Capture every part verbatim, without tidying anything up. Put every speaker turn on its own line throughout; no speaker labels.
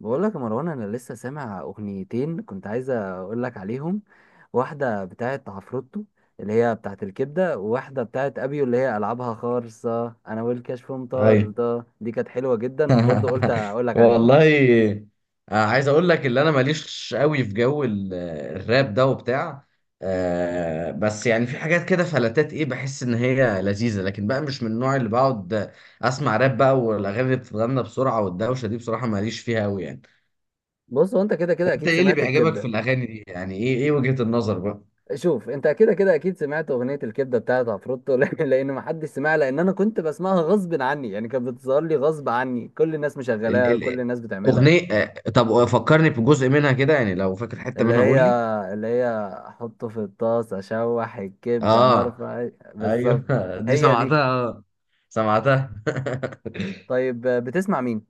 بقول لك يا مروان، انا لسه سامع اغنيتين كنت عايز اقول لك عليهم. واحده بتاعه عفروتو اللي هي بتاعه الكبده، وواحده بتاعه ابيو اللي هي العابها خالصه انا والكشف مطار
ايوه.
ده. دي كانت حلوه جدا برضو، قلت اقول لك عليها.
والله. آه، عايز اقول لك اللي انا ماليش قوي في جو ال- الراب ده وبتاع. آه، بس يعني في حاجات كده فلتات ايه، بحس ان هي لذيذه، لكن بقى مش من النوع اللي بقعد اسمع راب بقى. والاغاني اللي بتتغنى بسرعه والدوشه دي، بصراحه ماليش فيها قوي يعني.
بص، هو انت كده كده
انت
اكيد
ايه اللي
سمعت
بيعجبك في
الكبده.
الاغاني دي يعني؟ ايه ايه وجهه النظر بقى؟
شوف، انت كده كده اكيد سمعت اغنيه الكبده بتاعه عفروتو لان ما حدش سمعها، لان انا كنت بسمعها غصب عني. يعني كانت بتظهر لي غصب عني، كل الناس
ال
مشغلاها،
ال
كل الناس بتعملها.
اغنيه. آه، طب فكرني بجزء منها كده، يعني لو فاكر حته
اللي
منها
هي
قول لي.
اللي هي احطه في الطاس اشوح الكبده
اه
نرفع.
ايوه.
بالظبط،
دي
هي دي.
سمعتها، سمعتها.
طيب بتسمع مين؟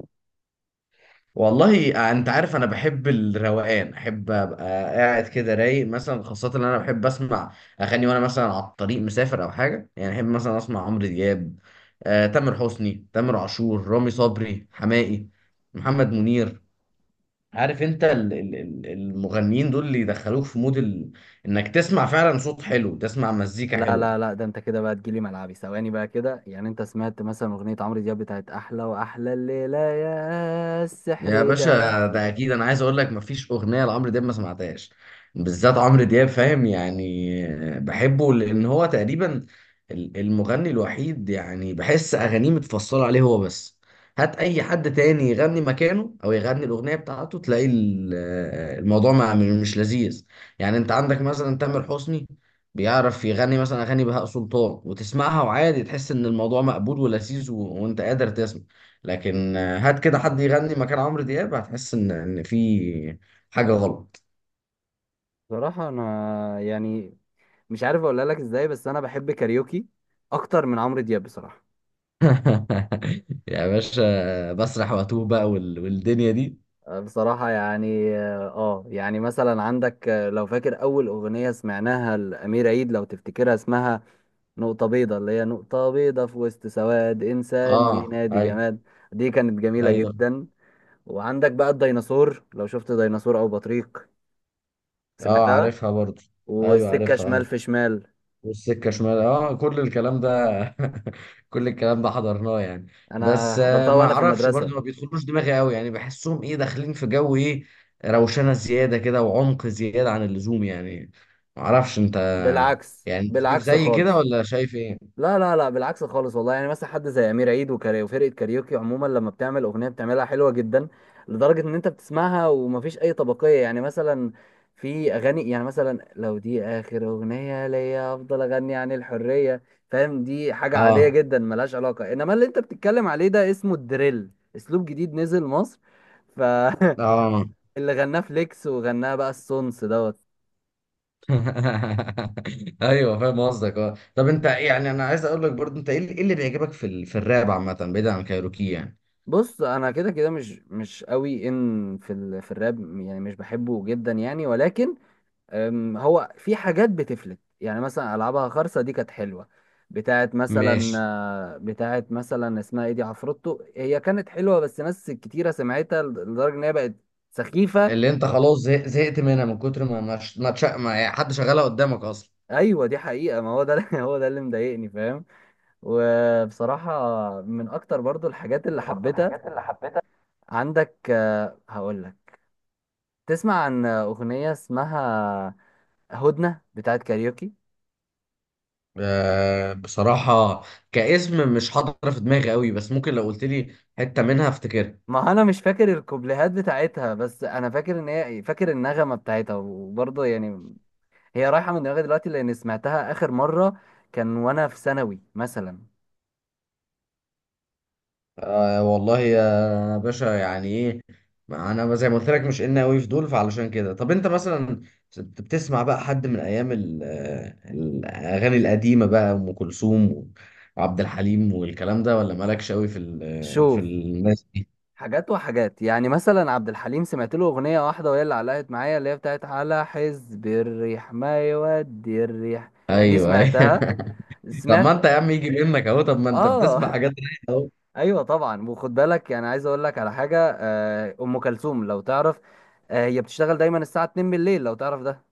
والله انت عارف انا بحب الروقان، احب ابقى قاعد كده رايق مثلا. خاصه ان انا بحب اسمع اغاني وانا مثلا على الطريق مسافر او حاجه. يعني احب مثلا اسمع عمرو دياب، آه، تامر حسني، تامر عاشور، رامي صبري، حماقي، محمد منير. عارف انت ال- ال- ال- المغنيين دول اللي يدخلوك في مود ال... انك تسمع فعلا صوت حلو، تسمع مزيكا
لا
حلوه.
لا لا ده انت كده بقى تجيلي ملعبي ثواني بقى كده. يعني انت سمعت مثلا اغنيه عمرو دياب بتاعت احلى، واحلى الليله يا
يا
السحر ده؟
باشا ده اكيد! انا عايز اقول لك مفيش اغنيه لعمرو دياب ما سمعتهاش، بالذات عمرو دياب فاهم. يعني بحبه لان هو تقريبا ال- المغني الوحيد، يعني بحس اغانيه متفصله عليه هو بس. هات اي حد تاني يغني مكانه، او يغني الاغنيه بتاعته، تلاقي ال- الموضوع ما مش لذيذ. يعني انت عندك مثلا تامر حسني بيعرف يغني مثلا اغاني بهاء سلطان، وتسمعها وعادي، تحس ان الموضوع مقبول ولذيذ و... وانت قادر تسمع. لكن آه، هات كده حد يغني مكان عمرو دياب، هتحس ان ان في حاجه غلط.
بصراحه انا يعني مش عارف اقولها لك ازاي، بس انا بحب كاريوكي اكتر من عمرو دياب بصراحه.
يا باشا بسرح واتوه بقى وال... والدنيا دي.
بصراحة يعني اه، يعني مثلا عندك آه، لو فاكر أول أغنية سمعناها لأمير عيد، لو تفتكرها اسمها نقطة بيضة، اللي هي نقطة بيضة في وسط سواد، إنسان
اه
بينادي
ايوه.
جماد. دي كانت جميلة
ايوه.
جدا. وعندك بقى الديناصور، لو شفت ديناصور أو بطريق.
اه
سمعتها.
عارفها برضه. ايوه
والسكة
عارفها
شمال
اه.
في شمال.
والسكة شمال، اه كل الكلام ده. كل الكلام ده حضرناه يعني.
أنا
بس آه،
حضرتها
ما
وأنا في
اعرفش برضه،
المدرسة.
ما بيدخلوش دماغي قوي. يعني بحسهم ايه، داخلين في جو ايه، روشنة زيادة كده، وعمق زيادة عن اللزوم يعني. ما اعرفش انت،
بالعكس،
يعني انت شايف
بالعكس
زي كده
خالص.
ولا شايف ايه؟
لا لا لا، بالعكس خالص والله. يعني مثلا حد زي امير عيد وكاري، وفرقه كاريوكي عموما، لما بتعمل اغنيه بتعملها حلوه جدا، لدرجه ان انت بتسمعها ومفيش اي طبقيه. يعني مثلا في اغاني، يعني مثلا لو دي اخر اغنيه ليا افضل اغني عن الحريه. فاهم؟ دي حاجه عاديه
اه
جدا ملهاش علاقه. انما اللي انت بتتكلم عليه ده اسمه الدريل، اسلوب جديد نزل مصر. ف
اه.
اللي غناه فليكس، وغناه بقى السونس دوت.
ايوه فاهم قصدك اه. طب انت يعني، انا عايز اقول لك برضه انت ايه اللي إيه اللي بيعجبك في ال... في الراب عامة بعيد عن كايروكي يعني؟
بص، انا كده كده مش مش قوي ان في ال... في الراب، يعني مش بحبه جدا يعني، ولكن أم، هو في حاجات بتفلت. يعني مثلا العابها خرصه دي كانت حلوه، بتاعت مثلا،
ماشي.
آه، بتاعت مثلا اسمها ايه دي، عفروتو. هي كانت حلوه، بس ناس كتيره سمعتها لدرجه ان هي بقت سخيفه.
اللي انت خلاص زه- زهقت منها من كتر ما ما ما تش- ما يعني حد شغالها قدامك اصلا.
ايوه، دي حقيقه، ما هو ده اللي- هو ده اللي مضايقني، فاهم؟ وبصراحه، من اكتر برضو الحاجات اللي
اكتر برضه
حبيتها
الحاجات اللي حبيتها.
عندك، هقول لك. تسمع عن اغنيه اسمها هدنة بتاعت كاريوكي؟
آه، بصراحة كاسم مش حاضر في دماغي قوي، بس ممكن لو قلت لي حتة منها افتكرها.
ما انا مش فاكر الكوبليهات بتاعتها، بس انا فاكر ان هي إيه، فاكر النغمة بتاعتها. وبرضه يعني هي رايحة من دماغي دلوقتي، لان سمعتها اخر مرة كان وانا في ثانوي مثلا.
آه والله يا باشا يعني ايه، ما انا زي ما قلت لك، مش ان قوي في دول، فعلشان كده. طب انت مثلا بت- بتسمع بقى حد من ايام ال- آه، الاغاني القديمة بقى، ام كلثوم وعبد الحليم والكلام ده، ولا مالكش قوي في ال- آه، في
شوف،
الناس؟
حاجات وحاجات. يعني مثلا عبد الحليم سمعت له اغنية واحدة وهي اللي علقت معايا، اللي هي بتاعت على حزب الريح ما يودي الريح. دي
ايوه
سمعتها.
ايوه. طب ما انت يا
سمعت.
عم يجي منك اهو، طب ما انت بتسمع
اه
حاجات رايقه اهو.
ايوه طبعا. وخد بالك يعني، عايز اقول لك على حاجه، آه، ام كلثوم لو تعرف، آه، هي بتشتغل دايما الساعه اتنين بالليل، لو تعرف ده.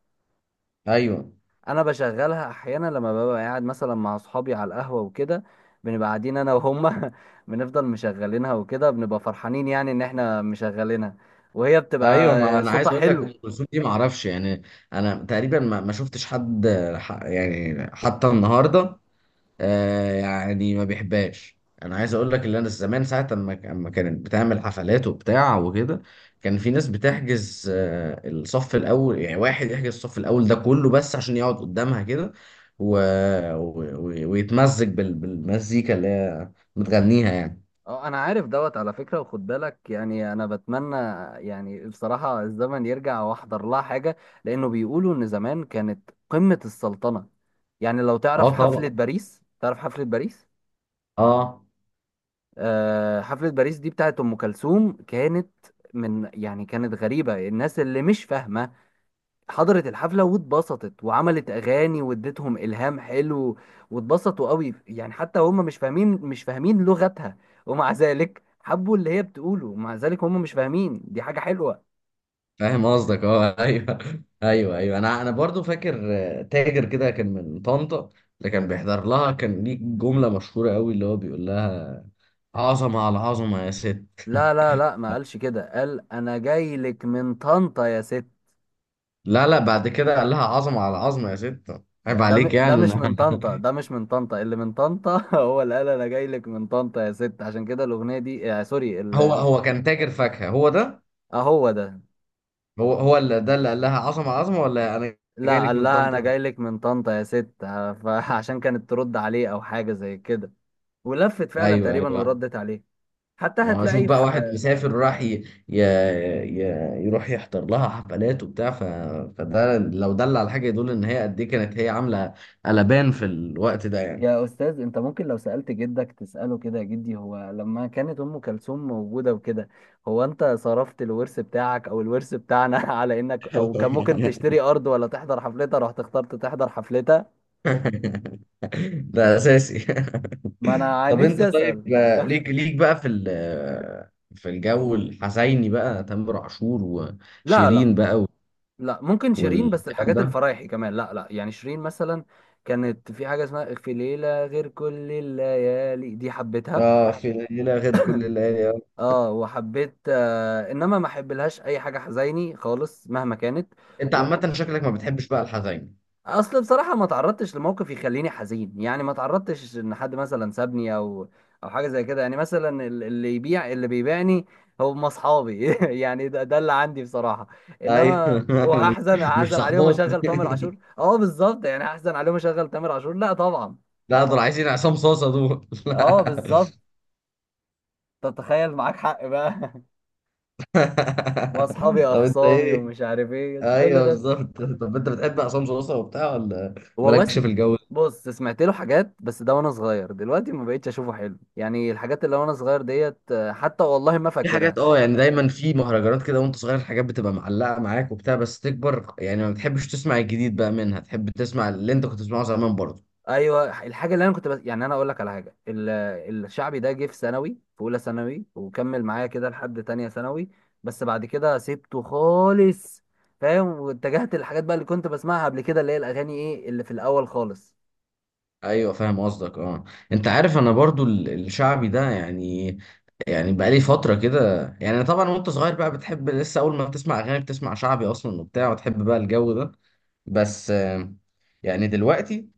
ايوه
انا بشغلها احيانا لما ببقى قاعد مثلا مع اصحابي على القهوه وكده، بنبقى قاعدين انا وهم بنفضل مشغلينها، وكده بنبقى فرحانين يعني ان احنا مشغلينها، وهي
ايوه.
بتبقى
ما انا عايز
صوتها
اقول لك
حلو.
ام كلثوم دي ما اعرفش يعني، انا تقريبا ما ما شفتش حد ح- يعني حتى النهارده آه يعني ما بيحبهاش. انا عايز اقول لك اللي انا زمان ساعه اما اما كانت بتعمل حفلات وبتاع وكده، كان في ناس بتحجز آه الصف الاول. يعني واحد يحجز الصف الاول ده كله بس عشان يقعد قدامها كده و... و... و- ويتمزج بال... بالمزيكا اللي هي متغنيها يعني.
اه، انا عارف دوت على فكرة. وخد بالك يعني، انا بتمنى يعني بصراحة الزمن يرجع واحضر لها حاجة، لانه بيقولوا ان زمان كانت قمة السلطنة. يعني لو
اه
تعرف حفلة
طبعا.
باريس، تعرف حفلة باريس؟
اه
آه، حفلة باريس دي بتاعت ام كلثوم كانت من، يعني كانت غريبة، الناس اللي مش فاهمة حضرت الحفلة واتبسطت وعملت أغاني واديتهم إلهام حلو، واتبسطوا قوي يعني. حتى هم مش فاهمين مش فاهمين لغتها، ومع ذلك حبوا اللي هي بتقوله، ومع ذلك هم مش فاهمين، دي حاجة حلوة.
فاهم قصدك اه. ايوه ايوه. ايوه انا انا برضو فاكر آه، تاجر كده كان من طنطا، اللي كان بيحضر لها، كان ليه جمله مشهوره قوي اللي هو بيقول لها: عظمة على عظمة يا ست.
لا لا لا، ما قالش كده، قال أنا جاي لك من طنطا يا ست.
لا لا، بعد كده قال لها عظمة على عظمة يا ست، عيب
ده
عليك.
م- ده
يعني
مش من
أنا-
طنطا، ده مش من طنطا اللي من طنطا هو اللي قال أنا جاي لك من طنطا يا ست. عشان كده الأغنية دي آه سوري
هو
ال-
هو كان تاجر فاكهة، هو ده.
آه هو ده.
هو هو اللي ده اللي قال لها عظمة على عظمة، ولا أنا جاي
لا،
لك
قال
من
لها انا
طنطا؟
جاي لك من طنطا يا ست، ه- فعشان كانت ترد عليه او حاجه زي كده. ولفت فعلا
أيوه
تقريبا
أيوه.
وردت عليه. حتى
ما هو أشوف
هتلاقي
بقى
في،
واحد مسافر راح ي... ي... ي... يروح يحضر لها حفلات وبتاع، ف... فده لو دل على حاجة يدل إن هي قد إيه كانت هي عاملة قلبان في الوقت ده يعني.
يا استاذ انت ممكن لو سالت جدك تساله كده، يا جدي هو لما كانت ام كلثوم موجوده وكده، هو انت صرفت الورث بتاعك او الورث بتاعنا على انك، او كان ممكن تشتري ارض ولا تحضر حفلتها، رحت اخترت تحضر حفلتها.
ده اساسي.
ما انا
طب انت
نفسي
طيب،
اسال
آه، ليك ليك بقى في ال- آه، في الجو الحزيني بقى، تامر عاشور
لا
وشيرين
لا
بقى و-
لا. ممكن شيرين، بس
والكلام
الحاجات
ده.
الفرايحي كمان، لا لا. يعني شيرين مثلا كانت في حاجة اسمها في ليلة غير كل الليالي، دي حبيتها.
اه في ليلة غير كل الليالي، آه.
اه وحبيت آه، انما ما احبلهاش اي حاجة حزيني خالص مهما كانت.
انت
وما
عامة شكلك ما بتحبش بقى الحزين؟
اصل بصراحه ما تعرضتش لموقف يخليني حزين. يعني ما تعرضتش ان حد مثلا سابني، او او حاجه زي كده. يعني مثلا ال- اللي يبيع اللي بيبيعني هم اصحابي يعني ده, ده اللي عندي بصراحه. انما
ايوه.
وهحزن
مش مش
هحزن عليهم
صحباتي.
اشغل تامر عاشور؟ اه بالظبط، يعني هحزن عليهم اشغل تامر عاشور؟ لا طبعا.
لا، دول عايزين عصام صاصة دول.
اه
لا.
بالظبط، تتخيل؟ معاك حق بقى. واصحابي
طب انت
اخصامي
ايه.
ومش عارف ايه
ايوه
كل ده.
بالظبط. طب انت بتحب عصام صاصة وبتاع ولا
والله
مالكش
سم...
في الجو؟
بص سمعت له حاجات، بس ده وانا صغير. دلوقتي ما بقتش اشوفه حلو. يعني الحاجات اللي وانا صغير ديت، آه، حتى والله ما
في حاجات
فاكرها.
اه، يعني دايما في مهرجانات كده وانت صغير، الحاجات بتبقى معلقه معاك وبتاع، بس تكبر يعني ما بتحبش تسمع الجديد بقى منها، تحب تسمع اللي انت كنت بتسمعه زمان برضه.
ايوه، الحاجه اللي انا كنت بس... يعني انا اقول لك على حاجه، ال... الشعبي ده جه في ثانوي، في اولى ثانوي، وكمل معايا كده لحد تانية ثانوي، بس بعد كده سبته خالص. فاهم؟ واتجهت للحاجات بقى اللي كنت بسمعها قبل كده، اللي هي الاغاني ايه اللي في الاول خالص.
ايوه فاهم قصدك اه. انت عارف انا برضو ال- الشعبي ده يعني، يعني بقالي فتره كده يعني. طبعا وانت صغير بقى بتحب لسه اول ما بتسمع اغاني بتسمع شعبي اصلا وبتاع، وتحب بقى الجو ده. بس آه، يعني دلوقتي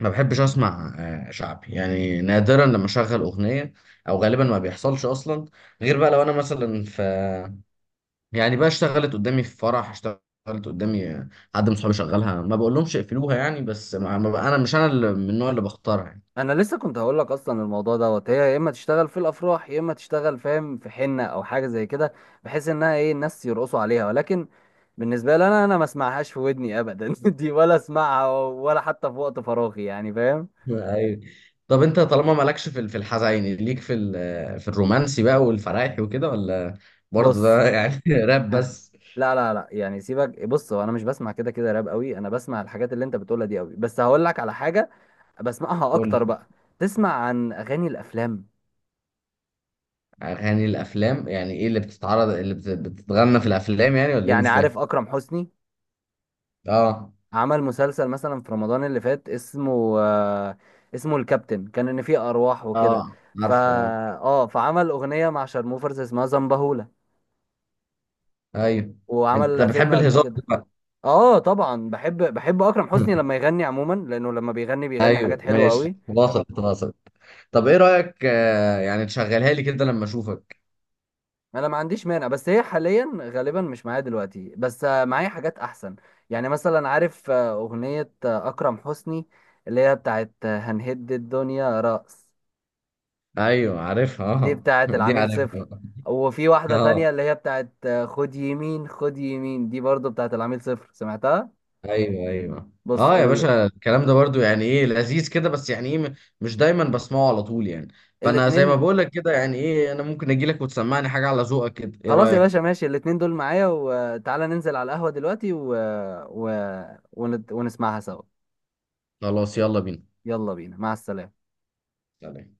ما بحبش اسمع آه، شعبي، يعني نادرا لما اشغل اغنيه، او غالبا ما بيحصلش اصلا، غير بقى لو انا مثلا في، يعني بقى اشتغلت قدامي في فرح، اشتغلت قدامي آه، حد من صحابي شغلها، ما بقول لهمش اقفلوها يعني. بس ما ما بقى انا مش انا اللي من النوع اللي بختارها يعني.
انا لسه كنت هقول لك اصلا، الموضوع دوت هي يا اما تشتغل في الافراح، يا اما تشتغل فاهم في حنه او حاجه زي كده، بحيث انها ايه الناس يرقصوا عليها. ولكن بالنسبه لي، انا انا ما اسمعهاش في ودني ابدا دي، ولا اسمعها ولا حتى في وقت فراغي، يعني فاهم.
أيوة. طب انت طالما مالكش في ال- في الحزيني، ليك في ال- آه، في الرومانسي بقى والفرايحي وكده، ولا برضه
بص
ده يعني راب بس؟
لا لا لا، يعني سيبك. بص، هو انا مش بسمع كده كده راب قوي، انا بسمع الحاجات اللي انت بتقولها دي قوي، بس هقول لك على حاجه بسمعها
قول
اكتر
لي،
بقى. تسمع عن اغاني الافلام؟
اغاني الافلام يعني ايه؟ اللي بتتعرض، اللي بت- بتتغنى في الافلام يعني ولا ايه؟
يعني
مش فاهم.
عارف اكرم حسني
اه
عمل مسلسل مثلا في رمضان اللي فات اسمه آه، اسمه الكابتن، كان ان فيه ارواح وكده.
اه
فا
عارفه اه.
اه، فعمل اغنيه مع شارموفرز اسمها زنبهولة،
ايوه انت
وعمل فيلم
بتحب
قبل
الهزار
كده.
بقى.
اه طبعا بحب، بحب اكرم حسني لما يغني عموما، لانه لما بيغني بيغني حاجات
ايوه
حلوه
ماشي،
قوي.
واصل واصل. طب ايه رايك آه يعني تشغلها لي كده لما اشوفك؟
انا ما عنديش مانع، بس هي حاليا غالبا مش معايا دلوقتي. بس آه، معايا حاجات احسن. يعني مثلا عارف آه، اغنيه آه، اكرم حسني اللي هي بتاعت آه، هنهد الدنيا رأس،
ايوه عارفها
دي
اه.
بتاعت
دي
العميل صفر.
عارفها.
وفي واحدة
اه
تانية اللي هي بتاعت آه، خد يمين خد يمين، دي برضو بتاعت العميل صفر، سمعتها.
ايوه ايوه
بص
اه. يا
ال...
باشا الكلام ده برضو يعني ايه لذيذ كده، بس يعني ايه م- مش دايما بسمعه على طول يعني. فانا زي ما
الاتنين.
بقول لك كده، يعني ايه انا ممكن اجي لك وتسمعني حاجه على ذوقك كده، ايه
خلاص يا باشا،
رايك؟
ماشي، الاتنين دول معايا، وتعالى ننزل على القهوة دلوقتي و... و... ونت... ونسمعها سوا.
خلاص يلا بينا.
يلا بينا، مع السلامة.
سلام.